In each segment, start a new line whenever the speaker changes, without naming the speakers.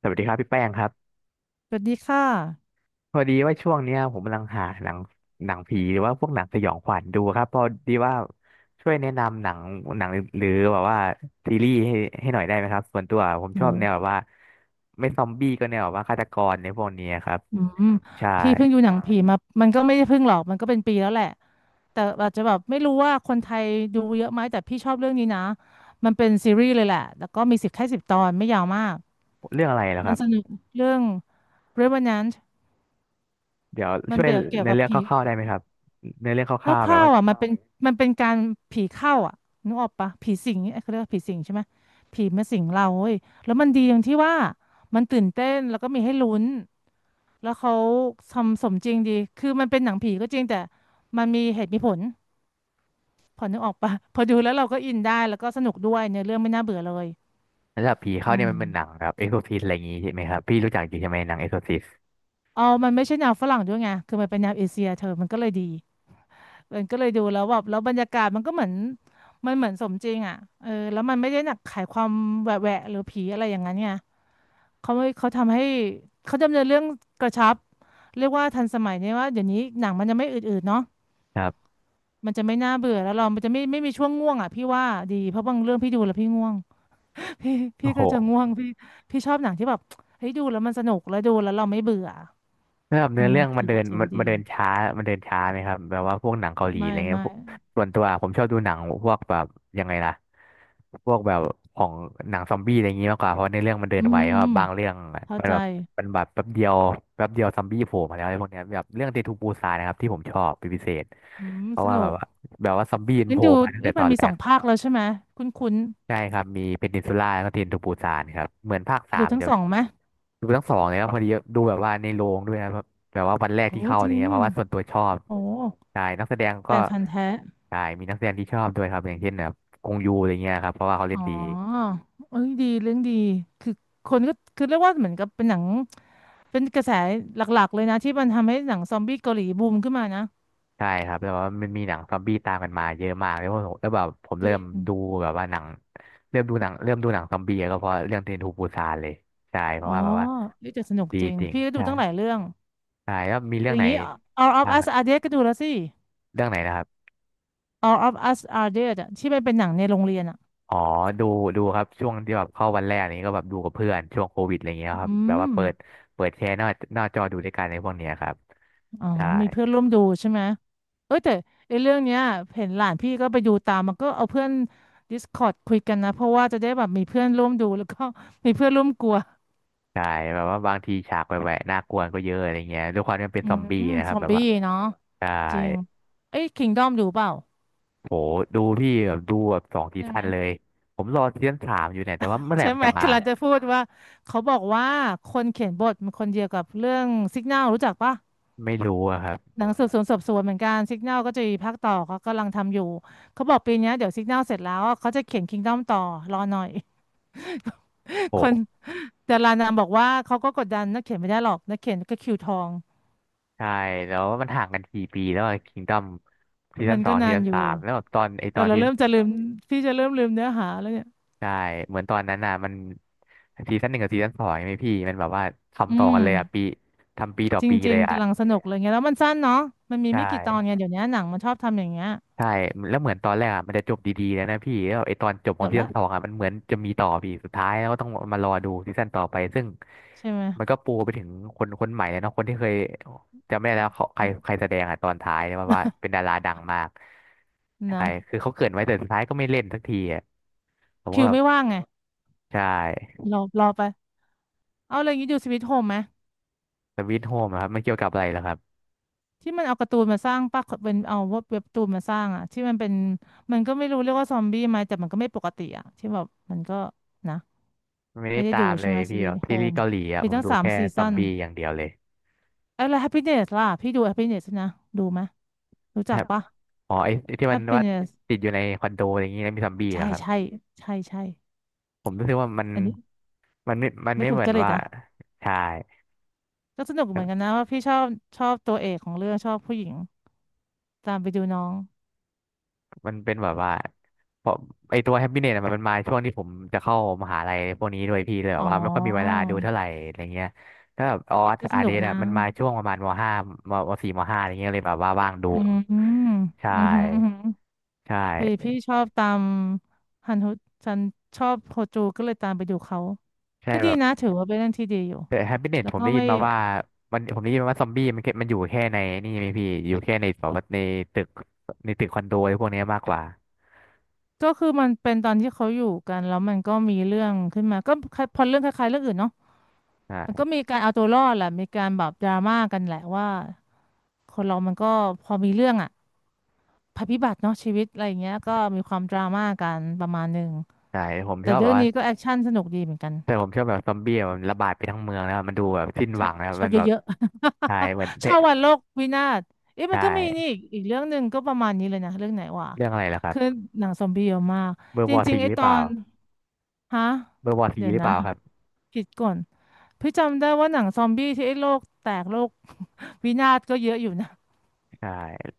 สวัสดีครับพี่แป้งครับ
สวัสดีค่ะ
พอดีว่าช่วงเนี้ยผมกำลังหาหนังหนังผีหรือว่าพวกหนังสยองขวัญดูครับพอดีว่าช่วยแนะนำหนังหนังหรือแบบว่าซีรีส์ให้ให้หน่อยได้ไหมครับส่วนตัวผมชอบแน
โห
วแบบว่าไม่ซอมบี้ก็แนวแบบว่าฆาตกรในพวกนี้ครับ
อืม
ใช่
พี่เพิ่งดูหนังผีมามันก็ไม่ได้เพิ่งหรอก มันก็เป็นปีแล้วแหละ แต่อาจจะแบบไม่รู้ว่าคนไทยดูเยอะไหม แต่พี่ชอบเรื่องนี้นะ มันเป็นซีรีส์เลยแหละ แล้วก็มีแค่10 ตอน ไม่ยาวมาก
เรื่องอะไรแล้วค
มัน
รับ
สนุกเรื่อง Revenant
เดี๋ยว
มัน
ช่วย
เปรียบเกี่ยว
ในอ
กับ
เรื่องค
ผี
ร่าวๆได้ไหมครับในอเรื่องคร่าว
ค
ๆแบบ
ร่า
ว่า
วๆอ่ะมันเป็นการผีเข้าอ่ะนึกออกปะผีสิงเอ้ยเขาเรียกว่าผีสิงใช่ไหมผีมาสิงเราเว้ยแล้วมันดีตรงที่ว่ามันตื่นเต้นแล้วก็มีให้ลุ้นแล้วเขาทำสมจริงดีคือมันเป็นหนังผีก็จริงแต่มันมีเหตุมีผลพอนึกออกปะ พอดูแล้วเราก็อินได้แล้วก็สนุกด้วยเนื้อเรื่องไม่น่าเบื่อเลย
สำหระดับผี
อื
เข้าเนี่ย
ม
มันเป็นหนังแบบเอ็กโซซิสอะไรอย่างงี้ใช่ไหมครับพี่รู้จักจริงใช่ไหมหนังเอ็กโซซิส
เอามันไม่ใช่แนวฝรั่งด้วยไงคือมันเป็นแนวเอเชียเธอมันก็เลยดี มันก็เลยดูแล้วแบบแล้วบรรยากาศมันก็เหมือนมันเหมือนสมจริงอ่ะเออแล้วมันไม่ได้หนักขายความแหวะแหวะหรือผีอะไรอย่างนั้นไงเขาไม่เขาทำให้เขาดำเนินเรื่องกระชับเรียกว่าทันสมัยเนี่ยว่าเดี๋ยวนี้หนังมันจะไม่อืดๆเนาะ
ครับ
มันจะไม่น่าเบื่อแล้วเรามันจะไม่มีช่วงง่วงอ่ะพี่ว่าดีเพราะบางเรื่องพี่ดูแล้วพี่ง่วง พี่พี่
โอ้โห
ก็จะง่วงพี่ชอบหนังที่แบบเฮ้ยดูแล้วมันสนุกแล้วดูแล้วเราไม่เบื่อ
แล้วแบบ
อื
เนื้อ
ม
เรื่องมั
ถื
น
อ
เดิ
ว่า
น
เจ๋ง
มัน
ดี
มันเดินช้ามันเดินช้าไหมครับแบบว่าพวกหนังเกาหลีอะ
ไม่
ไรเงี้ย
ไม่
พวกส่วนตัวผมชอบดูหนังพวกแบบยังไงล่ะพวกแบบของหนังซอมบี้อะไรอย่างงี้มากกว่าเพราะในอเรื่องมันเดิ
อื
นไว
ม
เพราะ
อืม
บางเรื่อง
เข้า
มัน
ใจ
แบบมันแบบแป๊บเดียวแป๊บเดียวซอมบี้โผล่มาแล้วอะไรพวกเนี้ยแบบเรื่องเดทูปูซานนะครับที่ผมชอบเป็นพิเศษ
อืม
เพ
ส
ราะว่า
นุ
แบบ
ก
ว่าแบบว่าซอมบี้มัน
งั้
โผ
น
ล่
ดู
มาตั้งแต่
เอ๊ะ
ต
มั
อ
น
น
มี
แร
สอ
ก
งภาคแล้วใช่ไหมคุ้นคุ้น
ใช่ครับมีเพนินซูล่าแล้วก็เทนทูปูซานครับเหมือนภาคสา
ดู
ม
ทั้ง
จะ
สองไหม
ดูทั้งสองเลยครับพอดีดูแบบว่าในโรงด้วยนะแบบแบบว่าวันแรก
โอ้
ที่เข้าอะ
จ
ไร
ริง
เงี้ยเพราะว่าส่วนตัวชอบ
โอ้
ใช่นักแสดง
แฟ
ก็
นพันธุ์แท้
ใช่มีนักแสดงที่ชอบด้วยครับอย่างเช่นแบบกงยูอะไรเงี้ยครับเพราะว่าเขาเล่
อ๋อ
นดี
เอ้ยดีเรื่องดีคือคนก็คือเรียกว่าเหมือนกับเป็นหนังเป็นกระแสหลักๆเลยนะที่มันทำให้หนังซอมบี้เกาหลีบูมขึ้นมานะ
ใช่ครับแล้วว่ามันมีหนังซอมบี้ตามกันมาเยอะมากแล้วผมแล้วแบบผม
จ
เริ่
ริ
มดู
ง
แบบว่าหนังเริ่มดูหนังเริ่มดูหนังซอมบี้ก็เพราะเรื่องเทรนทูปูซานเลยใช่เพ
อ๋
ราะ
อ
ว่าแบบว่า
นี่จะสนุก
ดี
จริง
จริง
พี่ก็ดู
ใช่
ตั้งหลายเรื่อง
ใช่แล้วมี
อ
เรื่อง
ย่าง
ไหน
นี้ All of
บ้างค
Us
รับ
Are Dead ก็ดูแล้วสิ
เรื่องไหนนะครับ
All of Us Are Dead อะที่มันเป็นหนังในโรงเรียนอ่ะ
อ๋อดูดูครับช่วงที่แบบเข้าวันแรกนี้ก็แบบดูกับเพื่อนช่วงโควิดอะไรเงี้ยค
อื
รับแบบ
ม
ว่าเปิดเปิดแชร์หน้าหน้าจอดูด้วยกันในพวกเนี้ยครับ
อ๋อ
ใช่
มีเพื่อนร่วมดูใช่ไหม เอ้ยแต่ไอ้เรื่องเนี้ยเห็นหลานพี่ก็ไปดูตามมันก็เอาเพื่อน Discord คุยกันนะเพราะว่าจะได้แบบมีเพื่อนร่วมดูแล้วก็ มีเพื่อนร่วมกลัว
ใช่แบบว่าบางทีฉากแหวะๆน่ากลัวก็เยอะอะไรเงี้ยด้วยความที่มันเป็
อื
นซอม
ม
บี้นะค
ซ
รับ
อม
แบบ
บี้
ว่า
เนาะ
ใช่
จริงเอ้ย Kingdom ดอมดูเปล่า
โหดูพี่แบบดูแบบสองซี
ใช่ไห
ซั่
ม
นเลยผมรอซีซั่นสามอยู่เนี่ยแต่ว่าเมื่อไหร่
ใช่
มัน
ไหม
จะ
ค
มา
กำลังนจะพูดว่าเขาบอกว่าคนเขียนบทมันคนเดียวกับเรื่อง Signal รู้จักปะ
ไม่รู้อะครับ
หนังสืบสวนสอบสวนเหมือนกันซิก n a l ก็จะมีภาคต่อเขากำลังทำอยู่เขาบอกปีเนี้ยเดี๋ยวซิก n a l เสร็จแล้วอะเขาจะเขียนKingdom ต่อรอหน่อย คน
โห
แต่ลานามบอกว่าเขาก็กดดันนักเขียนไม่ได้หรอกนักเขียนก็คิวทอง
ใช่แล้วมันห่างกันกี่ปีแล้วคิงดอมซี
มั
ซั่น
น
สอ
ก็
ง
นา
ซี
น
ซั่น
อยู่
สามแล้วแบบตอนไอต
แต่
อน
เราเริ่มจะลืมพี่จะเริ่มลืมเนื้อหาแล้วเนี่ย
ใช่เหมือนตอนนั้นน่ะมันซีซั่นหนึ่งกับซีซั่นสองไหมพี่มันแบบว่า
อื
ทำต่อกั
ม
นเลยอ่ะปีทำปีต่อ
จ
ปีเล
ริง
ย
ๆ
อ่ะ
กำลังสนุกเลยไงแล้วมันสั้นเนาะมันมี
ใช
ไม่กี่ตอนไง
่
เดี๋ยวนี้หนังมันชอบทำอย่างเงี้ย
ใช่แล้วเหมือนตอนแรกอ่ะมันจะจบดีๆแล้วนะพี่แล้วไอตอนจบขอ
เดี๋
ง
ยว
ซี
ละ
ซั่นสองอ่ะมันเหมือนจะมีต่อพี่สุดท้ายแล้วก็ต้องมารอดูซีซั่นต่อไปซึ่ง
ใช่ไหม
มันก็ปูไปถึงคนคนใหม่เลยเนาะคนที่เคยจำไม่ได้แล้วเขาใคร
อืม
ใครแสดงอ่ะตอนท้ายเนี่ยว่าว่าเป็นดาราดังมาก ใช่
นะ
คือเขาเกริดไว้แต่สุดท้ายก็ไม่เล่นสักทีอ่ะผมก็
คิว
แบบ
ไม่ว่างไง
ใช่
รอไปเอาอะไรอย่างนี้ดูสวิตโฮมไหม
สวีทโฮมครับมันเกี่ยวกับอะไรเหรอครับ
ที่มันเอาการ์ตูนมาสร้างปะเป็นเอาเว็บการ์ตูนมาสร้างอะที่มันเป็นมันก็ไม่รู้เรียกว่าซอมบี้ไหมแต่มันก็ไม่ปกติอะที่แบบมันก็นะ
ไม่ได้
ไม่ได้
ตา
ดู
มเล
ใช่ไห
ย
มส
พี่
วี
แบ
ท
บ
โฮ
ซีรีส์
ม
เกาหลีอ่ะ
มี
ผม
ตั้ง
ดู
สาม
แค่
ซี
ซอ
ซั่
ม
น
บี้อย่างเดียวเลย
เอ้ยแล้ว Happiness ล่ะพี่ดู Happiness นะดูไหมยรู้
ค
จัก
รับ
ปะ
อ๋อไอ้ไอ้ที่มันว่า
Happiness
ติดอยู่ในคอนโดอะไรอย่างงี้แล้วมีซอมบี้เห
ใช่
รอครับ
ใช่ใช่ใช่
ผมรู้สึกว่ามัน
อันนี้
มันไม่มัน
ไม่
ไม่
ถู
เห
ก
มือ
จ
น
ริต
ว่า
อ่ะ
ใช่
ก็สนุกเหมือนกันนะว่าพี่ชอบชอบตัวเอกของเรื่องชอบผู้หญิงตามไปดูน้อง
มันเป็นแบบว่าเพราะไอตัวแฮปปี้เน็ตมันมันมาช่วงที่ผมจะเข้ามหาลัยพวกนี้ด้วยพี่เลยแบ
อ๋
บว่าไม่ค่อยมีเวลา
อ
ดูเท่าไหร่อะไรเงี้ยถ้าแบบออส
ก็ส
อาร์เด
นุกนะ
น่ะมันมาช่วงประมาณมห้ามมสี่มห้าอะไรเงี้ยเลยแบบว่าว่างดู
อืมอืม
ใช่
อืมอืม
ใช
พอดี
่
พี่ชอบตามฮันฮุฉันชอบโฮจูก็เลยตามไปดูเขา
ใช่
ก็ดี
แบบ
นะถือว่าเป็นเรื่องที่ดีอยู่
แต่แฮปปี้เน็ต
แล้ว
ผม
ก็
ได้ยิ
ไม่
นมาว่ามันผมได้ยินมาว่าซอมบี้มันแค่มันอยู่แค่ในนี่ไหมพี่อยู่แค่ในแบบว่าในตึกในตึกคอนโดอะไรพวกเนี้ยมากกว่า
ก็คือมันเป็นตอนที่เขาอยู่กันแล้วมันก็มีเรื่องขึ้นมาก็คล้ายพอเรื่องคล้ายๆเรื่องอื่นเนาะ
อ่
มัน
า
ก็มีการเอาตัวรอดแหละมีการแบบดราม่ากันแหละว่าคนเรามันก็พอมีเรื่องอะภัยพิบัติเนาะชีวิตอะไรอย่างเงี้ยก็มีความดราม่ากันประมาณหนึ่ง
ใช่ผม
แต่
ชอบแบ
เรื่อ
บ
ง
ว่า
นี้ก็แอคชั่นสนุกดีเหมือนกัน
แต่ผมชอบแบบซอมบี้อะมันระบาดไปทั้งเมืองแล้วมันดูแบบสิ้น
ช
ห
อ
วั
บ
งนะ
ชอ
มั
บ
นแบบ
เยอะ
ใช่
ๆ
เหมือน
ช
เตะ
อบวันโลกวินาศเอ๊ะ
ใช
มันก็มีนี่
่
อีกเรื่องหนึ่งก็ประมาณนี้เลยนะเรื่องไหนวะ
เรื่องอะไรล่ะครั
คือ
บ
หนังซอมบี้เยอะมาก
เบอร์
จ
วอ
ริ
ซี
งๆไอ้
หรื
ต
อเป
อ
ล่า
นฮะ
เบอร์วอซี
เดี๋ยว
หรือเป
นะ
ล่าครับ
คิดก่อน พี่จำได้ว่าหนังซอมบี้ที่ไอ้โลกแตกโลก วินาศก็เยอะอยู่นะ
ใช่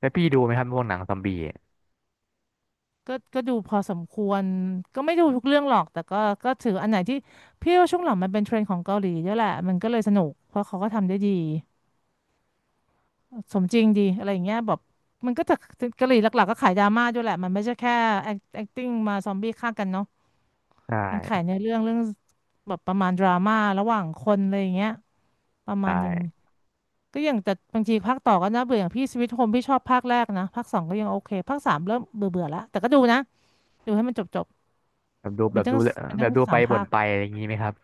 แล้วพี่ดูไหมครับพวกหนังซอมบี้
ก็ดูพอสมควรก็ไม่ดูทุกเรื่องหรอกแต่ก็ก็ถืออันไหนที่พี่ว่าช่วงหลังมันเป็นเทรนด์ของเกาหลีเยอะแหละมันก็เลยสนุกเพราะเขาก็ทำได้ดีสมจริงดีอะไรอย่างเงี้ยแบบมันก็จะเกาหลีหลักๆก็ขายดราม่าด้วยแหละมันไม่ใช่แค่ acting มาซอมบี้ฆ่ากันเนาะ
ใช
มันขาย
่
ในเรื่องแบบประมาณดราม่าระหว่างคนอะไรอย่างเงี้ยประมา
ใช่
ณหนึ่ง ก็อย่างแต่บางทีภาคต่อก็น่าเบื่ออย่างพี่สวิตโฮมพี่ชอบภาคแรกนะภาคสองก็ยังโอเคภาคสามเริ่มเบื่อเบื่อแล้วแต่ก็ดูนะดูให้มันจบ
แบบดูแบ
มัน
บ
ทั้
ดู
งมัน
แบ
ทั้
บ
ง
ดูไป
สาม
บ่
ภา
น
ค
ไปอะไรอย่างนี้ไหมครับ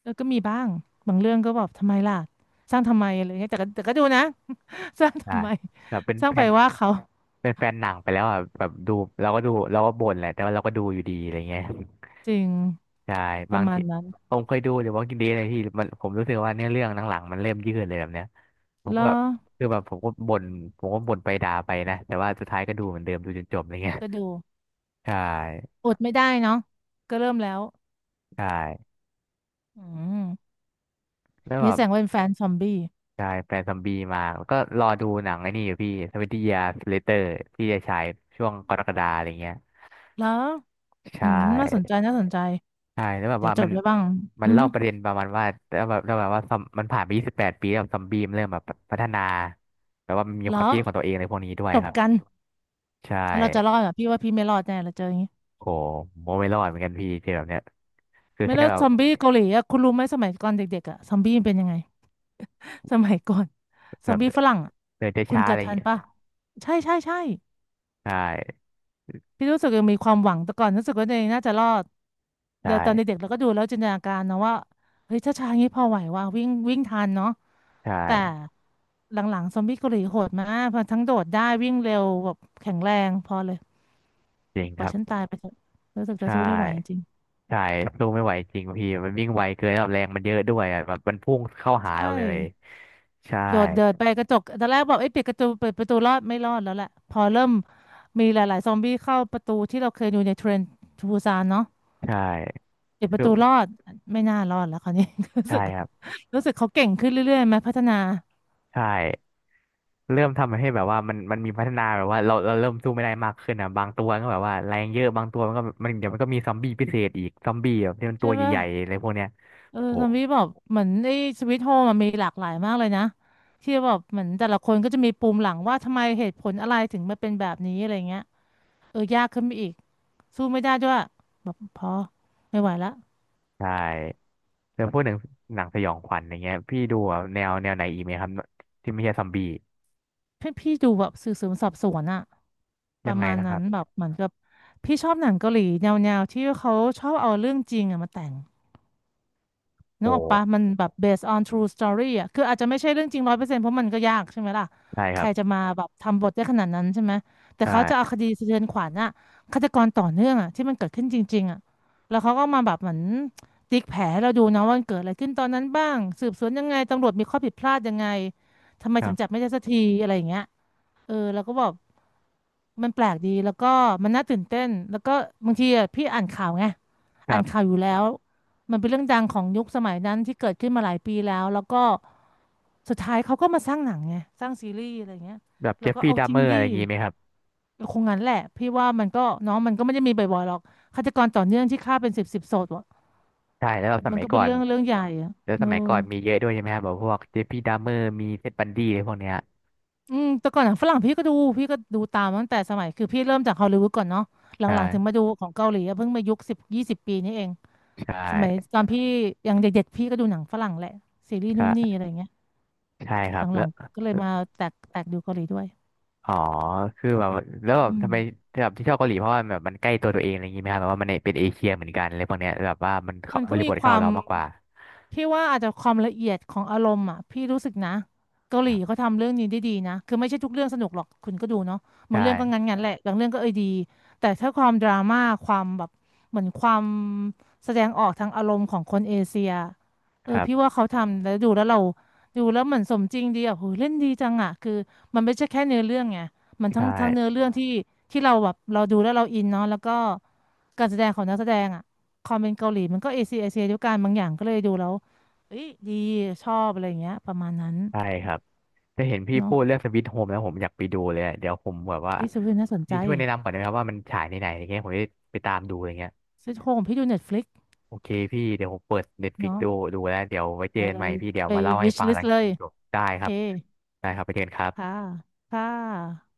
เออก็มีบ้างบางเรื่องก็แบบทำไมล่ะสร้างทำไมอะไรเงี้ยแต่ก็ดูนะ สร้าง
ใช่
ทำไม
แบบเป็น
สร้า
แฟ
งไป
น
ว่าเขา
เป็นแฟนหนังไปแล้วอ่ะแบบดูเราก็ดูเราก็บ่นแหละแต่ว่าเราก็ดูอยู่ดีอะไรเงี้ย
จริง
ใช่
ป
บา
ระ
ง
มา
ที
ณนั้น
ผมเคยดูเดี๋ยวว่ากินดีเลยพี่มันผมรู้สึกว่าเนื้อเรื่องหลังๆมันเริ่มยืดเลยแบบเนี้ยผม
แล้
ก็
ว
คือแบบผมก็บ่นไปด่าไปนะแต่ว่าสุดท้ายก็ดูเหมือนเดิมดูจนจบอะไรเงี้ย
ก็ดู
ใช่
อดไม่ได้เนาะก็เริ่มแล้ว
ใช่
อืม
แล้วแบ
นี่แส
บ
ดงว่าเป็นแฟนซอมบี้
ใช่แฟนซอมบี้มาแล้วก็รอดูหนังไอ้นี่อยู่พี่ทเว e n t y Years Later พี่จะฉายช่วงกรกฎาอะไรเงี้ย
แล้ว
ใช
อืมน่าสนใจ
่
น่าสนใจ
ใช่แล้วแบบ
เดี๋ย
ว่า
วจ
มั
ด
น
ไว้บ้าง
มั
อื
น
ม
เล่าประเด็นประมาณว่าแล้วแบบว่าซอมมันผ่านไป28 ปีแล้วซอมบี้มันเริ่มแบบพัฒนาแบบว่ามันมีควา
แล้
ม
ว
คิดของตัวเองในพวกนี้ด้วย
จบ
ครับ
กัน
ใช
เราจะรอ
่
ดอ่อพี่ว่าพี่ไม่รอดแน่เราเจออย่างนี้
โหโมไม่รอดเหมือนกันพี่เจอแบบเนี้ยคือ
ไม่
แค่
แล้ว
แบ
ซ
บ
อมบี้เกาหลีอะคุณรู้ไหมสมัยก่อนเด็กๆอ่ะซอมบี้มันเป็นยังไง สมัยก่อน
แบบ
ซอมบี้
เดิ
ฝรั่งอะ
น
คุณ
ช้าๆ
เกิ
อะ
ด
ไรอย่า
ทั
ง
น
เงี้ย
ปะใช่ใช่ใช่
ใช่
พี่รู้สึกยังมีความหวังแต่ก่อนรู้สึกว่าตัวเองน่าจะรอด
ใ
แต่ตอน
ช่
เด็กๆเราก็ดูแล้วจินตนาการนะว่าเฮ้ยถ้าช้าอย่างนี้พอไหวว่าวิ่งวิ่งทันเนาะ
ใช
แต่
่
หลังๆซอมบี้เกาหลีโหดมากพอทั้งโดดได้วิ่งเร็วแบบแข็งแรงพอเลย
จริง
ปล่
ค
อย
รั
ฉัน
บ
ตายไปเถอะรู้สึกจะ
ใช่
สู้ไม่ไหวจริง
ใช่สู้ไม่ไหวจริงพี่มันวิ่งไวเกินแล้วแรงมันเยอะด้วยอะแบบมันพุ่งเข้า
ๆ
หา
ใช่
เราเลยใช่
โดดเดินไปกระจกตอนแรกบอกเอ้ยปิดกระจกเปิดประตูรอดไม่รอดแล้วแหละพอเริ่มมีหลายๆซอมบี้เข้าประตูที่เราเคยดูในเทรนทูซานเนาะ
ใช่
ปิดป
คื
ระ
อ
ตูรอดไม่น่ารอดแล้วคราวนี้ รู้
ใช่
สึก
ครับ
รู้สึกเขาเก่งขึ้นเรื่อยๆไหมพัฒนา
ใช่ เริ่มทำให้แบบว่ามันมีพัฒนาแบบว่าเราเริ่มสู้ไม่ได้มากขึ้นอ่ะบางตัวก็แบบว่าแรงเยอะบางตัวมันก็มันเดี๋ยวมันก็มีซอมบี้พิเศษอีกซอมบี้แบบที่มัน
ใช่
ตัว
ปะ
ใหญ่ๆอะไรพวกเนี้ย
เออ
โอ้
ซอมบี้บอกเหมือนไอ้สวิตโฮมันมีหลากหลายมากเลยนะที่แบบเหมือนแต่ละคนก็จะมีปูมหลังว่าทำไมเหตุผลอะไรถึงมาเป็นแบบนี้อะไรเงี้ยเออยากขึ้นไปอีกสู้ไม่ได้ด้วยพอไม่ไหวละ
ใช่แล้วพวกหนังหนังสยองขวัญอย่างเงี้ยพี่ดูแบบแนวไหนอีกไหมครับที่ไม่ใช่ซอมบี้
พี่ดูแบบสืบสวนสอบสวนอะ ป
ยั
ระ
งไง
มาณ
นะค
นั้
รั
นแบ
บ
บเหมือนกับพี่ชอบหนังเกาหลีแนวๆที่เขาชอบเอาเรื่องจริงอะมาแต่งนึก
โอ้
ออกปะมันแบบ based on true story อะคืออาจจะไม่ใช่เรื่องจริงร้อยเปอร์เซ็นต์เพราะมันก็ยากใช่ไหมล่ะ
ใช่ค
ใค
รั
ร
บ
จะมาแบบทำบทได้ขนาดนั้นใช่ไหมแต่เขาจะเอา
ใช่
คดีสะเทือนขวัญอะฆาตกรต่อเนื่องอะที่มันเกิดขึ้นจริงๆอะแล้วเขาก็มาแบบเหมือนติ๊กแผลให้เราดูนะว่ามันเกิดอะไรขึ้นตอนนั้นบ้างสืบสวนยังไงตำรวจมีข้อผิดพลาดยังไงทำไม
ครั
ถึงจับ
บ
ไม่ได้สักทีอะไรอย่างเงี้ยเออแล้วก็บอก มันแปลกดีแล้วก็มันน่าตื่นเต้นแล้วก็บางทีอะพี่อ่านข่าวไง
ค
อ่า
รั
นข่า
บ
วอยู่แล้วมันเป็นเรื่องดังของยุคสมัยนั้นที่เกิดขึ้นมาหลายปีแล้วแล้วก็สุดท้ายเขาก็มาสร้างหนังไงสร้างซีรีส์อะไรเงี้ย
แบบเจ
เรา
ฟ
ก็
ฟี่
เอา
ดัม
จริ
เม
ง
อร์อะ
ดิ
ไรอย่างงี้ไหมครับ
คงงั้นแหละพี่ว่ามันก็เน้องมันก็ไม่ได้มีบ่อยๆหรอกฆาตกรต่อเนื่องที่ฆ่าเป็นสิบสิบศพอะ
ใช่แล้วแบบส
มัน
มัย
ก็
ก่
เป็
อ
น
น
เรื่องใหญ่อะ
แล้ว
เอ
ส
อ
มัยก่อนมีเยอะด้วยใช่ไหมครับแบบพวกเจฟฟี่ดัมเมอร์มีเท็ดบันดี้อะไรพวกเนี้ย
อืมแต่ก่อนหนังฝรั่งพี่ก็ดูพี่ก็ดูตามตั้งแต่สมัยคือพี่เริ่มจากฮอลลีวูดก่อนเนาะหลังๆถึง
ใช่
มาดูของเกาหลีอะเพิ่งมายุคสิบยี่สิบปีนี้เอง
ใช
สมัย
่
ตอนพี่ยังเด็กๆพี่ก็ดูหนังฝรั่งแหละซีรีส์นู่นนี่
ใช่
อะไรเงี้ย
ใช่ค
ห
รับแล้
ลั
ว
งๆก็เลยมาแตกดูเกาหลีด้วย
อ๋อ คือแบบแล้วแบบ
อืม
ทำไมแบบที่ชอบเกาหลีเพราะว่าแบบมันใกล้ตัวตัวเองอะไรอย่างงี้ไหมครับแบบว่ามันเป็นเอเชียเหมือนกันอะไรพวกเนี้ยแบบว่ามันเข้า
มัน
บ
ก็
ริ
มี
บท
ค
เข้า
วาม
เรามากกว่า
พี่ว่าอาจจะความละเอียดของอารมณ์อ่ะพี่รู้สึกนะเกา
ค
หลี
รับ
เขาทำเรื่องนี้ได้ดีนะคือไม่ใช่ทุกเรื่องสนุกหรอกคุณก็ดูเนาะบาง
ใช่
เรื่องก็งั้นๆแหละบางเรื่องก็เอยดีแต่ถ้าความดราม่าความแบบเหมือนความแสดงออกทางอารมณ์ของคนเอเชียเอ
ค
อ
รั
พี่
บ
ว่าเขาทำแล้วดูแล้วเราดูแล้วเหมือนสมจริงดีอ่ะโหเล่นดีจังอ่ะคือมันไม่ใช่แค่เนื้อเรื่องไงมันทั้
ใช่
งทั้งเนื้อเรื่องที่ที่เราแบบเราดูแล้วเราอินเนาะแล้วก็การแสดงของนักแสดงอ่ะความเป็นเกาหลีมันก็เอเชียด้วยกันบางอย่างก็เลยดูแล้ว เอ้ยดีชอบอะไรอย่างเงี้ยประมาณนั้น
ใช่ครับ จะเห็นพี่
เนาะ
พูดเรื่องสวิตโฮมแล้วผมอยากไปดูเลยอะเดี๋ยวผมแบบว่า
ดิสพินน่าสนใจ
พี่ช่วยแนะนำก่อนได้ไหมครับว่ามันฉายในไหนอะไรเงี้ยผมจะไปตามดูอะไรเงี้ย
ซิทโฮมพี่ดูเน็ตฟลิก
โอเคพี่เดี๋ยวผมเปิดเน็ตฟลิก
เนาะ
ดูดูแล้วเดี๋ยวไว้เจอ
อะ
กัน
ไร
ใหม่พี่เดี๋ยว
ไป
มาเล่าให้
วิช
ฟัง
ลิ
ห
ส
ลัง
เลย
จบได้
โอ
ค
เค
รับได้ครับไปเจอกันครั
ค่ะ
บ
ค่ะ